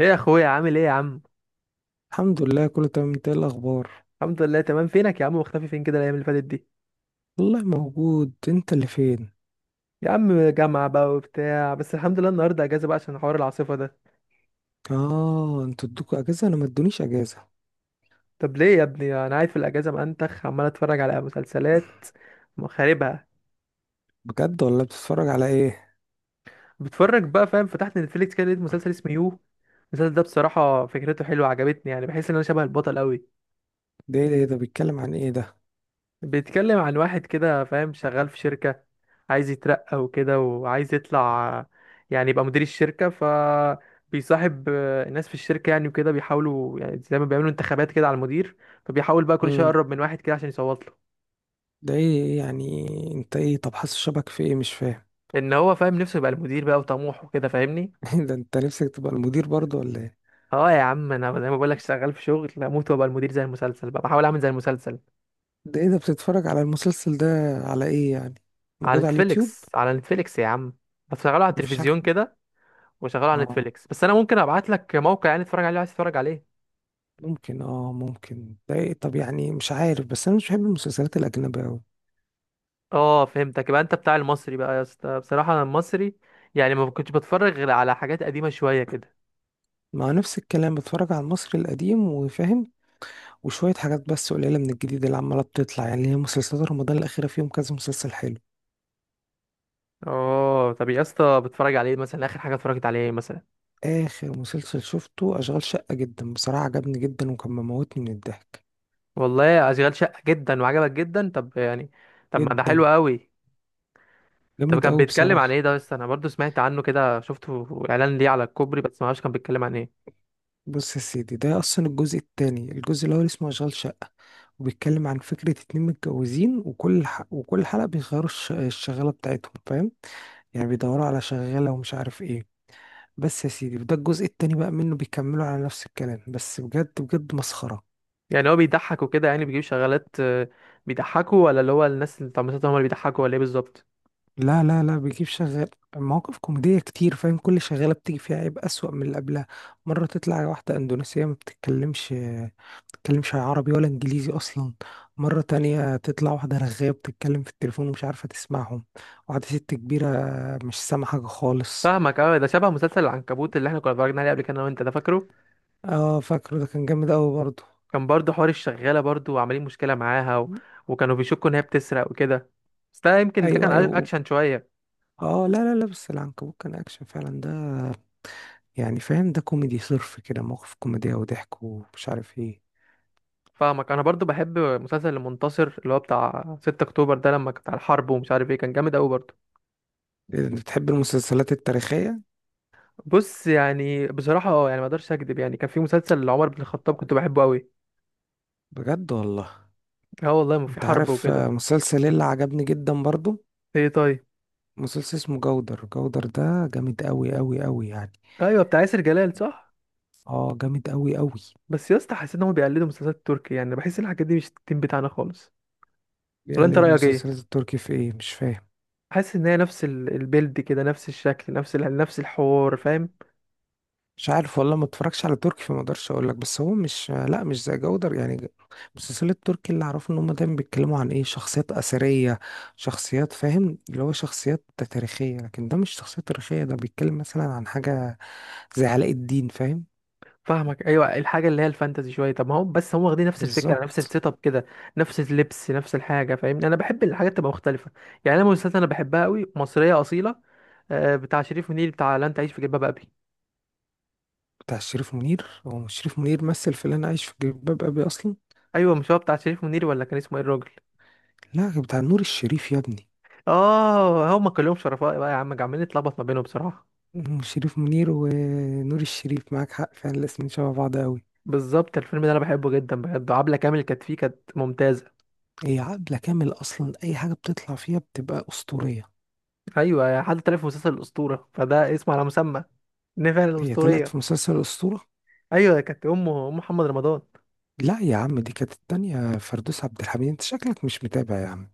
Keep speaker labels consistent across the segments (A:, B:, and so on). A: ايه يا اخويا، عامل ايه يا عم؟
B: الحمد لله، كله تمام. انت ايه الاخبار؟
A: الحمد لله تمام. فينك يا عم؟ مختفي فين كده الايام اللي فاتت دي؟
B: والله موجود. انت اللي فين؟
A: يا عم جامعة بقى وبتاع، بس الحمد لله النهارده اجازة بقى عشان حوار العاصفة ده.
B: اه انتوا ادوكوا اجازه، انا ما ادونيش اجازه.
A: طب ليه يا ابني؟ انا قاعد في الاجازة منتخ، عمال اتفرج على مسلسلات خاربها.
B: بجد والله، بتتفرج على ايه؟
A: بتفرج بقى، فاهم؟ فتحت نتفليكس كده لقيت مسلسل اسمه يو. المسلسل ده بصراحة فكرته حلوة، عجبتني. يعني بحس ان انا شبه البطل قوي.
B: ده إيه ده بيتكلم عن ايه ده؟
A: بيتكلم عن واحد كده، فاهم، شغال في شركة، عايز يترقى وكده، وعايز يطلع يعني يبقى مدير الشركة. فبيصاحب الناس في الشركة يعني، وكده بيحاولوا، يعني زي ما بيعملوا انتخابات كده على المدير، فبيحاول بقى كل شوية
B: امم.
A: يقرب من واحد كده عشان يصوت له.
B: ده إيه يعني؟ انت ايه؟ طب حاسس شبك في ايه؟ مش فاهم.
A: ان هو فاهم نفسه يبقى المدير بقى، وطموح وكده، فاهمني؟
B: ده انت نفسك تبقى المدير برضه ولا ايه؟
A: اه يا عم، انا زي ما بقولك شغال في شغل، اموت وابقى المدير زي المسلسل بقى، بحاول اعمل زي المسلسل.
B: ده ايه ده؟ بتتفرج على المسلسل ده؟ على ايه يعني؟
A: على
B: موجود على اليوتيوب؟
A: نتفليكس، على نتفليكس يا عم. بشغله على
B: مفيش حاجه.
A: التلفزيون كده، وشغله على
B: اه
A: نتفليكس. بس انا ممكن ابعت لك موقع يعني تتفرج عليه لو عايز تتفرج عليه.
B: اه ممكن ده ايه؟ طب يعني مش عارف، بس انا مش بحب المسلسلات الاجنبيه قوي.
A: اه فهمتك، يبقى انت بتاع المصري بقى يا اسطى. بصراحه انا المصري يعني ما كنتش بتفرج غير على حاجات قديمه شويه كده.
B: مع نفس الكلام، بتفرج على المصري القديم وفاهم. وشوية حاجات بس قليلة من الجديد اللي عمالة بتطلع، يعني هي مسلسلات رمضان الأخيرة فيهم كذا مسلسل حلو.
A: اه طب يا اسطى بتفرج على ايه مثلا؟ اخر حاجه اتفرجت على ايه مثلا؟
B: آخر مسلسل شفته أشغال شقة، جدا بصراحة عجبني جدا، وكان مموتني من الضحك.
A: والله اشغال شقه جدا وعجبك جدا؟ طب يعني طب ما ده
B: جدا.
A: حلو قوي. طب
B: جامد
A: كان
B: أوي
A: بيتكلم عن ايه
B: بصراحة.
A: ده؟ بس انا برضو سمعت عنه كده، شفته اعلان ليه على الكوبري، بس ما اعرفش كان بيتكلم عن ايه.
B: بص يا سيدي، ده أصلا الجزء التاني. الجزء الأول اسمه أشغال شقة، وبيتكلم عن فكرة اتنين متجوزين، وكل حلقة بيغيروا الشغالة بتاعتهم، فاهم؟ يعني بيدوروا على شغالة ومش عارف ايه. بس يا سيدي، وده الجزء التاني بقى منه، بيكملوا على نفس الكلام، بس بجد بجد مسخرة.
A: يعني هو بيضحك وكده؟ يعني بيجيب شغالات بيضحكوا؟ ولا اللي هو الناس اللي بتاع مسلسل هم اللي بيضحكوا؟ ولا ايه بالظبط؟
B: لا، لا، لا، بيجيب شغال. مواقف كوميدية كتير، فاهم؟ كل شغالة بتيجي فيها عيب أسوأ من اللي قبلها. مرة تطلع واحدة أندونيسية ما بتتكلمش، بتتكلمش عربي ولا إنجليزي أصلا. مرة تانية تطلع واحدة رغاية بتتكلم في التليفون ومش عارفة تسمعهم. واحدة ست كبيرة، مش سامعة حاجة خالص.
A: فاهمك. اه ده شبه مسلسل العنكبوت اللي احنا كنا اتفرجنا عليه قبل كده انا وانت، ده فاكره؟
B: اه فاكره، ده كان جامد أوي برضه.
A: كان برضه حوار الشغالة برضه، وعاملين مشكلة معاها وكانوا بيشكوا ان هي بتسرق وكده. بس ده يمكن ده كان
B: أيوه، أيوه.
A: اكشن شوية.
B: اه، لا، لا، لا، بس العنكبوت كان أكشن فعلا ده. يعني فاهم، ده كوميدي صرف كده، مواقف كوميدية وضحك ومش عارف ايه.
A: فاهمك. انا برضه بحب مسلسل المنتصر، اللي هو بتاع 6 اكتوبر ده، لما كان بتاع الحرب ومش عارف ايه، كان جامد قوي برضه.
B: إيه ده، انت بتحب المسلسلات التاريخية؟
A: بص يعني بصراحة اه، يعني ما اقدرش اكدب، يعني كان في مسلسل لعمر بن الخطاب كنت بحبه قوي.
B: بجد والله؟
A: اه والله، ما في
B: انت
A: حرب
B: عارف،
A: وكده.
B: مسلسل ايه اللي عجبني جدا برضو؟
A: ايه طيب؟
B: مسلسل اسمه جودر. جودر ده جامد قوي قوي قوي يعني.
A: ايوه بتاع ياسر جلال، صح؟
B: اه جامد قوي قوي.
A: بس يا اسطى حسيت انهم بيقلدوا مسلسلات تركي، يعني بحس الحاجات دي مش التيم بتاعنا خالص. ولا
B: يعني
A: انت رأيك ايه؟
B: المسلسلات التركي في ايه؟ مش فاهم.
A: حاسس ان هي نفس البيلد كده، نفس الشكل، نفس نفس الحوار، فاهم؟
B: مش عارف والله، ما اتفرجش على تركي، فما اقدرش اقول لك. بس هو مش لا مش زي جودر يعني مسلسلات التركي اللي اعرفه ان هم دايما بيتكلموا عن ايه، شخصيات اثريه، شخصيات، فاهم؟ اللي هو شخصيات تاريخيه. لكن ده مش شخصيه تاريخيه، ده بيتكلم مثلا عن حاجه زي علاء الدين، فاهم؟
A: فاهمك ايوه، الحاجه اللي هي الفانتزي شويه. طب ما هو بس هم واخدين نفس الفكره، نفس
B: بالظبط.
A: السيت اب كده، نفس اللبس، نفس الحاجه، فاهمني؟ انا بحب الحاجات تبقى مختلفه. يعني انا مسلسلات انا بحبها قوي مصريه اصيله، بتاع شريف منير، بتاع لا انت عايش في جلباب ابي.
B: بتاع شريف منير، هو مش شريف منير مثل في اللي انا عايش في جلباب ابي اصلا؟
A: ايوه مش هو بتاع شريف منير؟ ولا كان اسمه ايه الراجل؟
B: لا، بتاع نور الشريف يا ابني.
A: اه هم كلهم شرفاء بقى يا عم، عمالين نتلخبط ما بينهم بصراحه.
B: شريف منير ونور الشريف، معاك حق فعلا، الاسمين شبه بعض قوي.
A: بالظبط، الفيلم ده انا بحبه جدا بجد، عبله كامل كانت فيه، كانت ممتازه.
B: هي عقلة كامل، أصلا أي حاجة بتطلع فيها بتبقى أسطورية.
A: ايوه، حد طلع في مسلسل الاسطوره فده اسمه على مسمى، نفع
B: هي طلعت
A: الاسطوريه.
B: في مسلسل أسطورة؟
A: ايوه كانت امه، ام محمد رمضان.
B: لا يا عم، دي كانت التانية فردوس عبد الحميد. أنت شكلك مش متابع يا عم.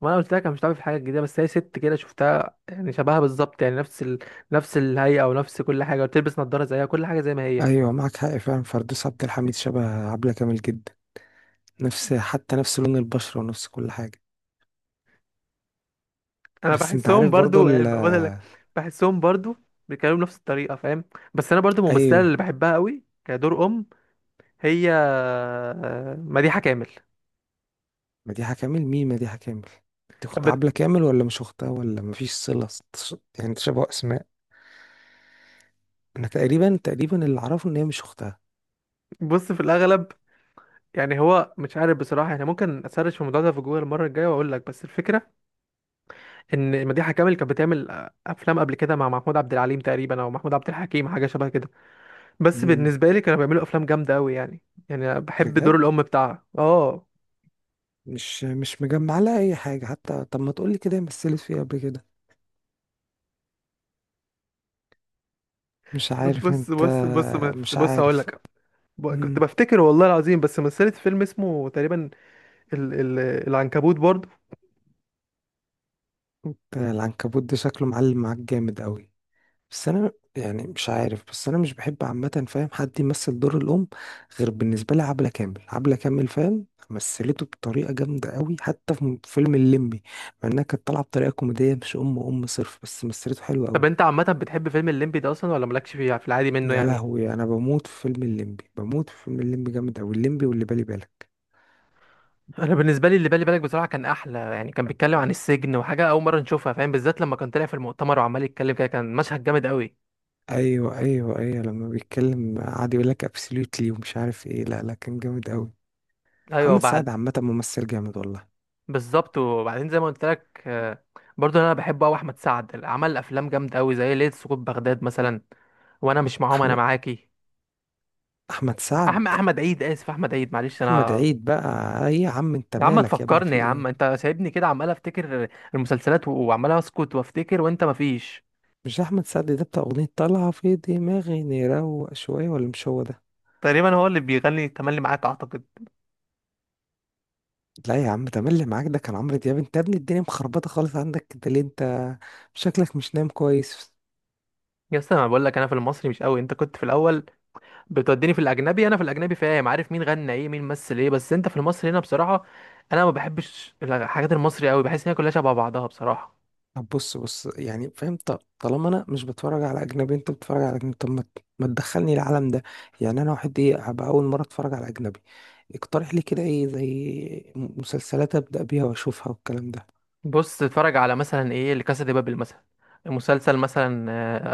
A: ما انا قلت لك انا مش عارف حاجه جديده، بس هي ست كده شفتها، يعني شبهها بالظبط، يعني نفس نفس الهيئه، ونفس كل حاجه، وتلبس نظاره زيها، كل حاجه زي ما هي.
B: أيوة، معك حق فعلا، فردوس عبد الحميد شبه عبلة كامل جدا. نفس، حتى نفس لون البشرة ونفس كل حاجة.
A: انا
B: بس أنت
A: بحسهم
B: عارف برضه
A: برضو يعني، بقول لك بحسهم برضو بيتكلموا نفس الطريقه، فاهم؟ بس انا برضو الممثله اللي
B: أيوة.
A: بحبها قوي كدور ام، هي مديحه كامل.
B: مديحة كامل؟ مين مديحة كامل؟ دي
A: كانت
B: أخت
A: بت-
B: عبلة كامل، ولا مش أختها، ولا مفيش صلة؟ يعني تشابه أسماء. أنا تقريبا اللي أعرفه إن هي مش أختها.
A: بص في الاغلب يعني هو مش عارف بصراحه، يعني ممكن اسرش في الموضوع ده في جوجل المره الجايه واقول لك. بس الفكره ان مديحه كامل كانت بتعمل افلام قبل كده مع محمود عبد العليم تقريبا، او محمود عبد الحكيم، حاجه شبه كده. بس
B: امم.
A: بالنسبه لي كانوا بيعملوا افلام جامده قوي يعني. يعني أنا بحب دور
B: بجد؟
A: الام بتاعها، اه.
B: مش مجمع لها اي حاجه حتى. طب ما تقولي كده هي مثلت فيه قبل كده؟ مش عارف
A: بص
B: انت.
A: بص بص بص
B: مش
A: بص هقول
B: عارف.
A: لك. كنت
B: امم.
A: بفتكر والله العظيم، بس مثلت فيلم اسمه تقريبا ال ال العنكبوت برضه.
B: انت العنكبوت ده شكله معلم معاك جامد قوي. بس انا يعني مش عارف، بس انا مش بحب عامه، فاهم، حد يمثل دور الام غير بالنسبه لي عبله كامل. عبله كامل، فاهم، مثلته بطريقه جامده قوي حتى في فيلم الليمبي. مع انها كانت طالعه بطريقه كوميديه، مش ام ام صرف، بس مثلته حلوه
A: طب
B: قوي.
A: انت عامه بتحب فيلم الليمبي ده اصلا؟ ولا مالكش فيه في العادي منه
B: يا
A: يعني؟
B: لهوي، انا بموت في فيلم الليمبي، بموت في فيلم الليمبي، جامد قوي الليمبي واللي بالي بالك.
A: انا بالنسبه لي اللي بالي بالك بصراحه كان احلى، يعني كان بيتكلم عن السجن، وحاجه اول مره نشوفها، فاهم؟ بالذات لما كان طلع في المؤتمر وعمال يتكلم كده، كان مشهد جامد قوي.
B: ايوه، ايوه، ايوه، لما بيتكلم قعد يقول لك ابسوليوتلي ومش عارف ايه، لا لا كان جامد قوي.
A: ايوه
B: محمد
A: بعد.
B: سعد عامه ممثل جامد والله.
A: بالظبط، وبعدين زي ما قلت لك برضو انا بحب قوي احمد سعد، عمل افلام جامده قوي زي ليله سقوط بغداد مثلا. وانا مش معاهم، انا
B: احمد
A: معاكي.
B: احمد سعد.
A: احمد عيد، اسف، احمد عيد، معلش
B: احمد
A: انا.
B: عيد بقى؟ ايه يا عم انت
A: يا عم
B: مالك يا ابني؟
A: تفكرني
B: في
A: يا عم،
B: ايه؟
A: انت سايبني كده عمال افتكر المسلسلات وعمال اسكت وافتكر، وانت مفيش.
B: مش ده احمد سعد ده بتاع اغنيه طالعه في دماغي نروق شويه، ولا مش هو ده؟
A: تقريبا هو اللي بيغني تملي معاك، اعتقد.
B: لا يا عم، ده مين اللي معاك؟ ده كان عمرو دياب. انت يا ابني الدنيا مخربطه خالص عندك ده، ليه انت؟ شكلك مش نايم كويس.
A: يا اسطى انا بقول لك انا في المصري مش قوي، انت كنت في الاول بتوديني في الاجنبي، انا في الاجنبي فاهم، عارف مين غنى ايه، مين مثل ايه، بس انت في المصري هنا بصراحه انا ما بحبش الحاجات المصري قوي، بحس ان هي كلها شبه بعضها بصراحه.
B: طب بص بص، يعني فاهم، طالما انا مش بتفرج على اجنبي، انت بتتفرج على اجنبي، طب ما ما تدخلني العالم ده. يعني انا واحد ايه، هبقى اول مره اتفرج على اجنبي. اقترح لي كده ايه، زي مسلسلات ابدا بيها واشوفها والكلام ده.
A: بص تتفرج على مثلا ايه، لكاسا دي بابل مثلا، مسلسل مثلا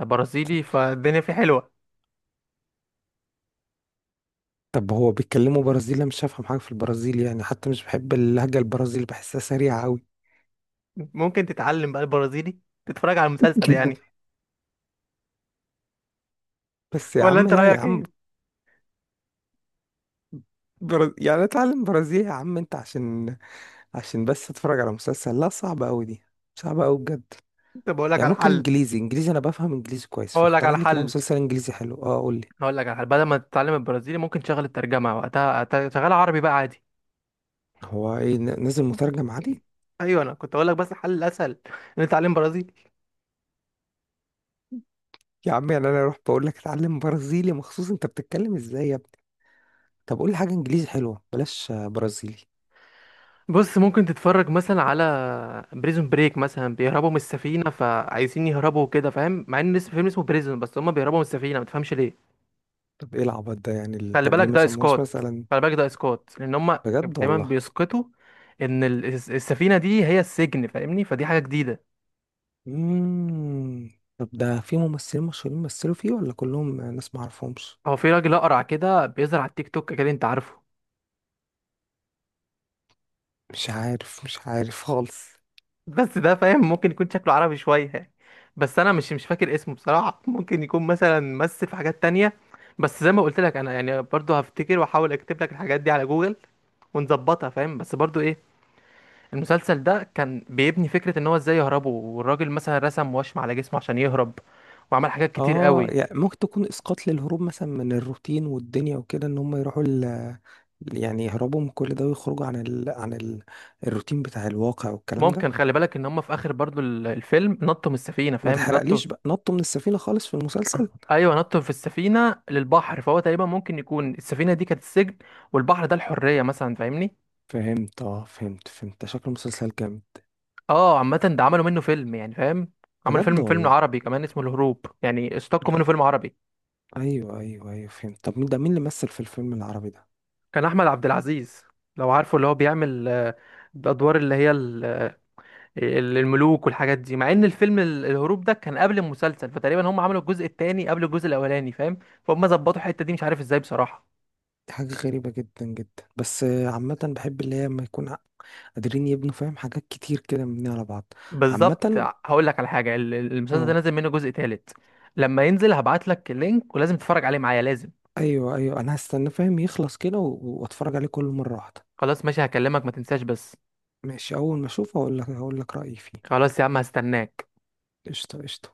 A: برازيلي، فالدنيا فيه حلوه.
B: طب هو بيتكلموا برازيلي؟ أنا مش هفهم حاجه في البرازيل يعني، حتى مش بحب اللهجه البرازيلي، بحسها سريعه قوي.
A: ممكن تتعلم بقى البرازيلي، تتفرج على المسلسل يعني.
B: بس يا
A: ولا
B: عم،
A: انت
B: لا يا
A: رايك
B: عم.
A: ايه؟
B: يعني اتعلم برازيلي يا عم انت عشان عشان بس اتفرج على مسلسل؟ لا صعب قوي دي، صعب قوي بجد.
A: كنت بقول لك
B: يعني
A: على
B: ممكن
A: حل.
B: انجليزي، انجليزي انا بفهم انجليزي كويس،
A: اقول لك
B: فاختار
A: على
B: لي كده
A: حل،
B: مسلسل انجليزي حلو، اه قول لي.
A: هقول لك على حل، بدل ما تتعلم البرازيلي ممكن تشغل الترجمه، وقتها شغال عربي بقى عادي.
B: هو ايه، نازل مترجم عادي؟
A: ايوه انا كنت اقول لك، بس الحل الاسهل ان أنت تتعلم برازيلي.
B: يا عم يعني انا اروح بقول لك اتعلم برازيلي مخصوص؟ انت بتتكلم ازاي يا ابني؟ طب قول لي حاجه انجليزي حلوه، بلاش برازيلي.
A: بص ممكن تتفرج مثلا على بريزون بريك مثلا، بيهربوا من السفينة، فعايزين يهربوا كده، فاهم؟ مع ان اسم فيلم اسمه بريزون، بس هما بيهربوا من السفينة، متفهمش ليه.
B: طب ايه العبط ده؟ يعني
A: خلي
B: طب ليه
A: بالك
B: ما
A: ده
B: سموهوش
A: اسقاط،
B: مثلا؟
A: خلي بالك ده اسقاط، لان هما
B: بجد
A: دايما
B: والله؟
A: بيسقطوا ان السفينة دي هي السجن، فاهمني؟ فدي حاجة جديدة.
B: امم. طب ده في ممثلين مشهورين مثلوا فيه، ولا كلهم ناس ما اعرفهمش؟
A: هو في راجل اقرع كده بيظهر على التيك توك كده، انت عارفه؟
B: مش عارف، مش عارف خالص.
A: بس ده فاهم ممكن يكون شكله عربي شوية يعني، بس انا مش مش فاكر اسمه بصراحة، ممكن يكون مثلا مثل في حاجات تانية. بس زي ما قلت لك انا يعني برضو هفتكر واحاول اكتب لك الحاجات دي على جوجل ونظبطها، فاهم؟ بس برضو ايه، المسلسل ده كان بيبني فكرة ان هو ازاي يهربوا، والراجل مثلا رسم وشم على جسمه عشان يهرب، وعمل حاجات كتير
B: اه
A: قوي.
B: يعني ممكن تكون اسقاط للهروب مثلا من الروتين والدنيا وكده، ان هم يروحوا يعني يهربوا من كل ده ويخرجوا عن الروتين بتاع الواقع والكلام ده.
A: ممكن، خلي بالك ان هم في اخر برضو الفيلم نطوا من السفينة،
B: ما
A: فاهم؟ نطوا.
B: تحرقليش بقى، نطوا من السفينة خالص في المسلسل؟
A: ايوه نطوا في السفينة للبحر، فهو تقريبا ممكن يكون السفينة دي كانت السجن، والبحر ده الحرية مثلا، فاهمني؟
B: فهمت، اه فهمت، شكل المسلسل جامد.
A: اه عامة ده عملوا منه فيلم يعني، فاهم؟ عملوا
B: بجد
A: فيلم فيلم
B: والله.
A: عربي كمان اسمه الهروب، يعني استقوا
B: لا.
A: منه فيلم عربي.
B: ايوه، ايوه، ايوه، فهمت. طب مين اللي مثل في الفيلم العربي ده؟
A: كان احمد عبد العزيز، لو عارفه اللي هو بيعمل الادوار اللي هي الملوك والحاجات دي. مع ان الفيلم الهروب ده كان قبل المسلسل، فتقريبا هم عملوا الجزء الثاني قبل الجزء الاولاني، فاهم؟ فهم ظبطوا الحتة دي مش عارف ازاي بصراحة.
B: دي حاجة غريبة جدا جدا، بس عامة بحب اللي هي لما يكون قادرين يبنوا، فاهم، حاجات كتير كده مبنية على بعض.
A: بالظبط.
B: عامة.
A: هقول لك على حاجة، المسلسل ده
B: اه.
A: نازل منه جزء ثالث، لما ينزل هبعت لك اللينك، ولازم تتفرج عليه معايا، لازم.
B: ايوه، ايوه، انا هستنى، فاهم، يخلص كده واتفرج عليه كل مره واحده.
A: خلاص ماشي هكلمك، ما تنساش بس.
B: ماشي، اول ما اشوفه هقول لك رايي فيه.
A: خلاص يا عم هستناك.
B: قشطه، قشطه.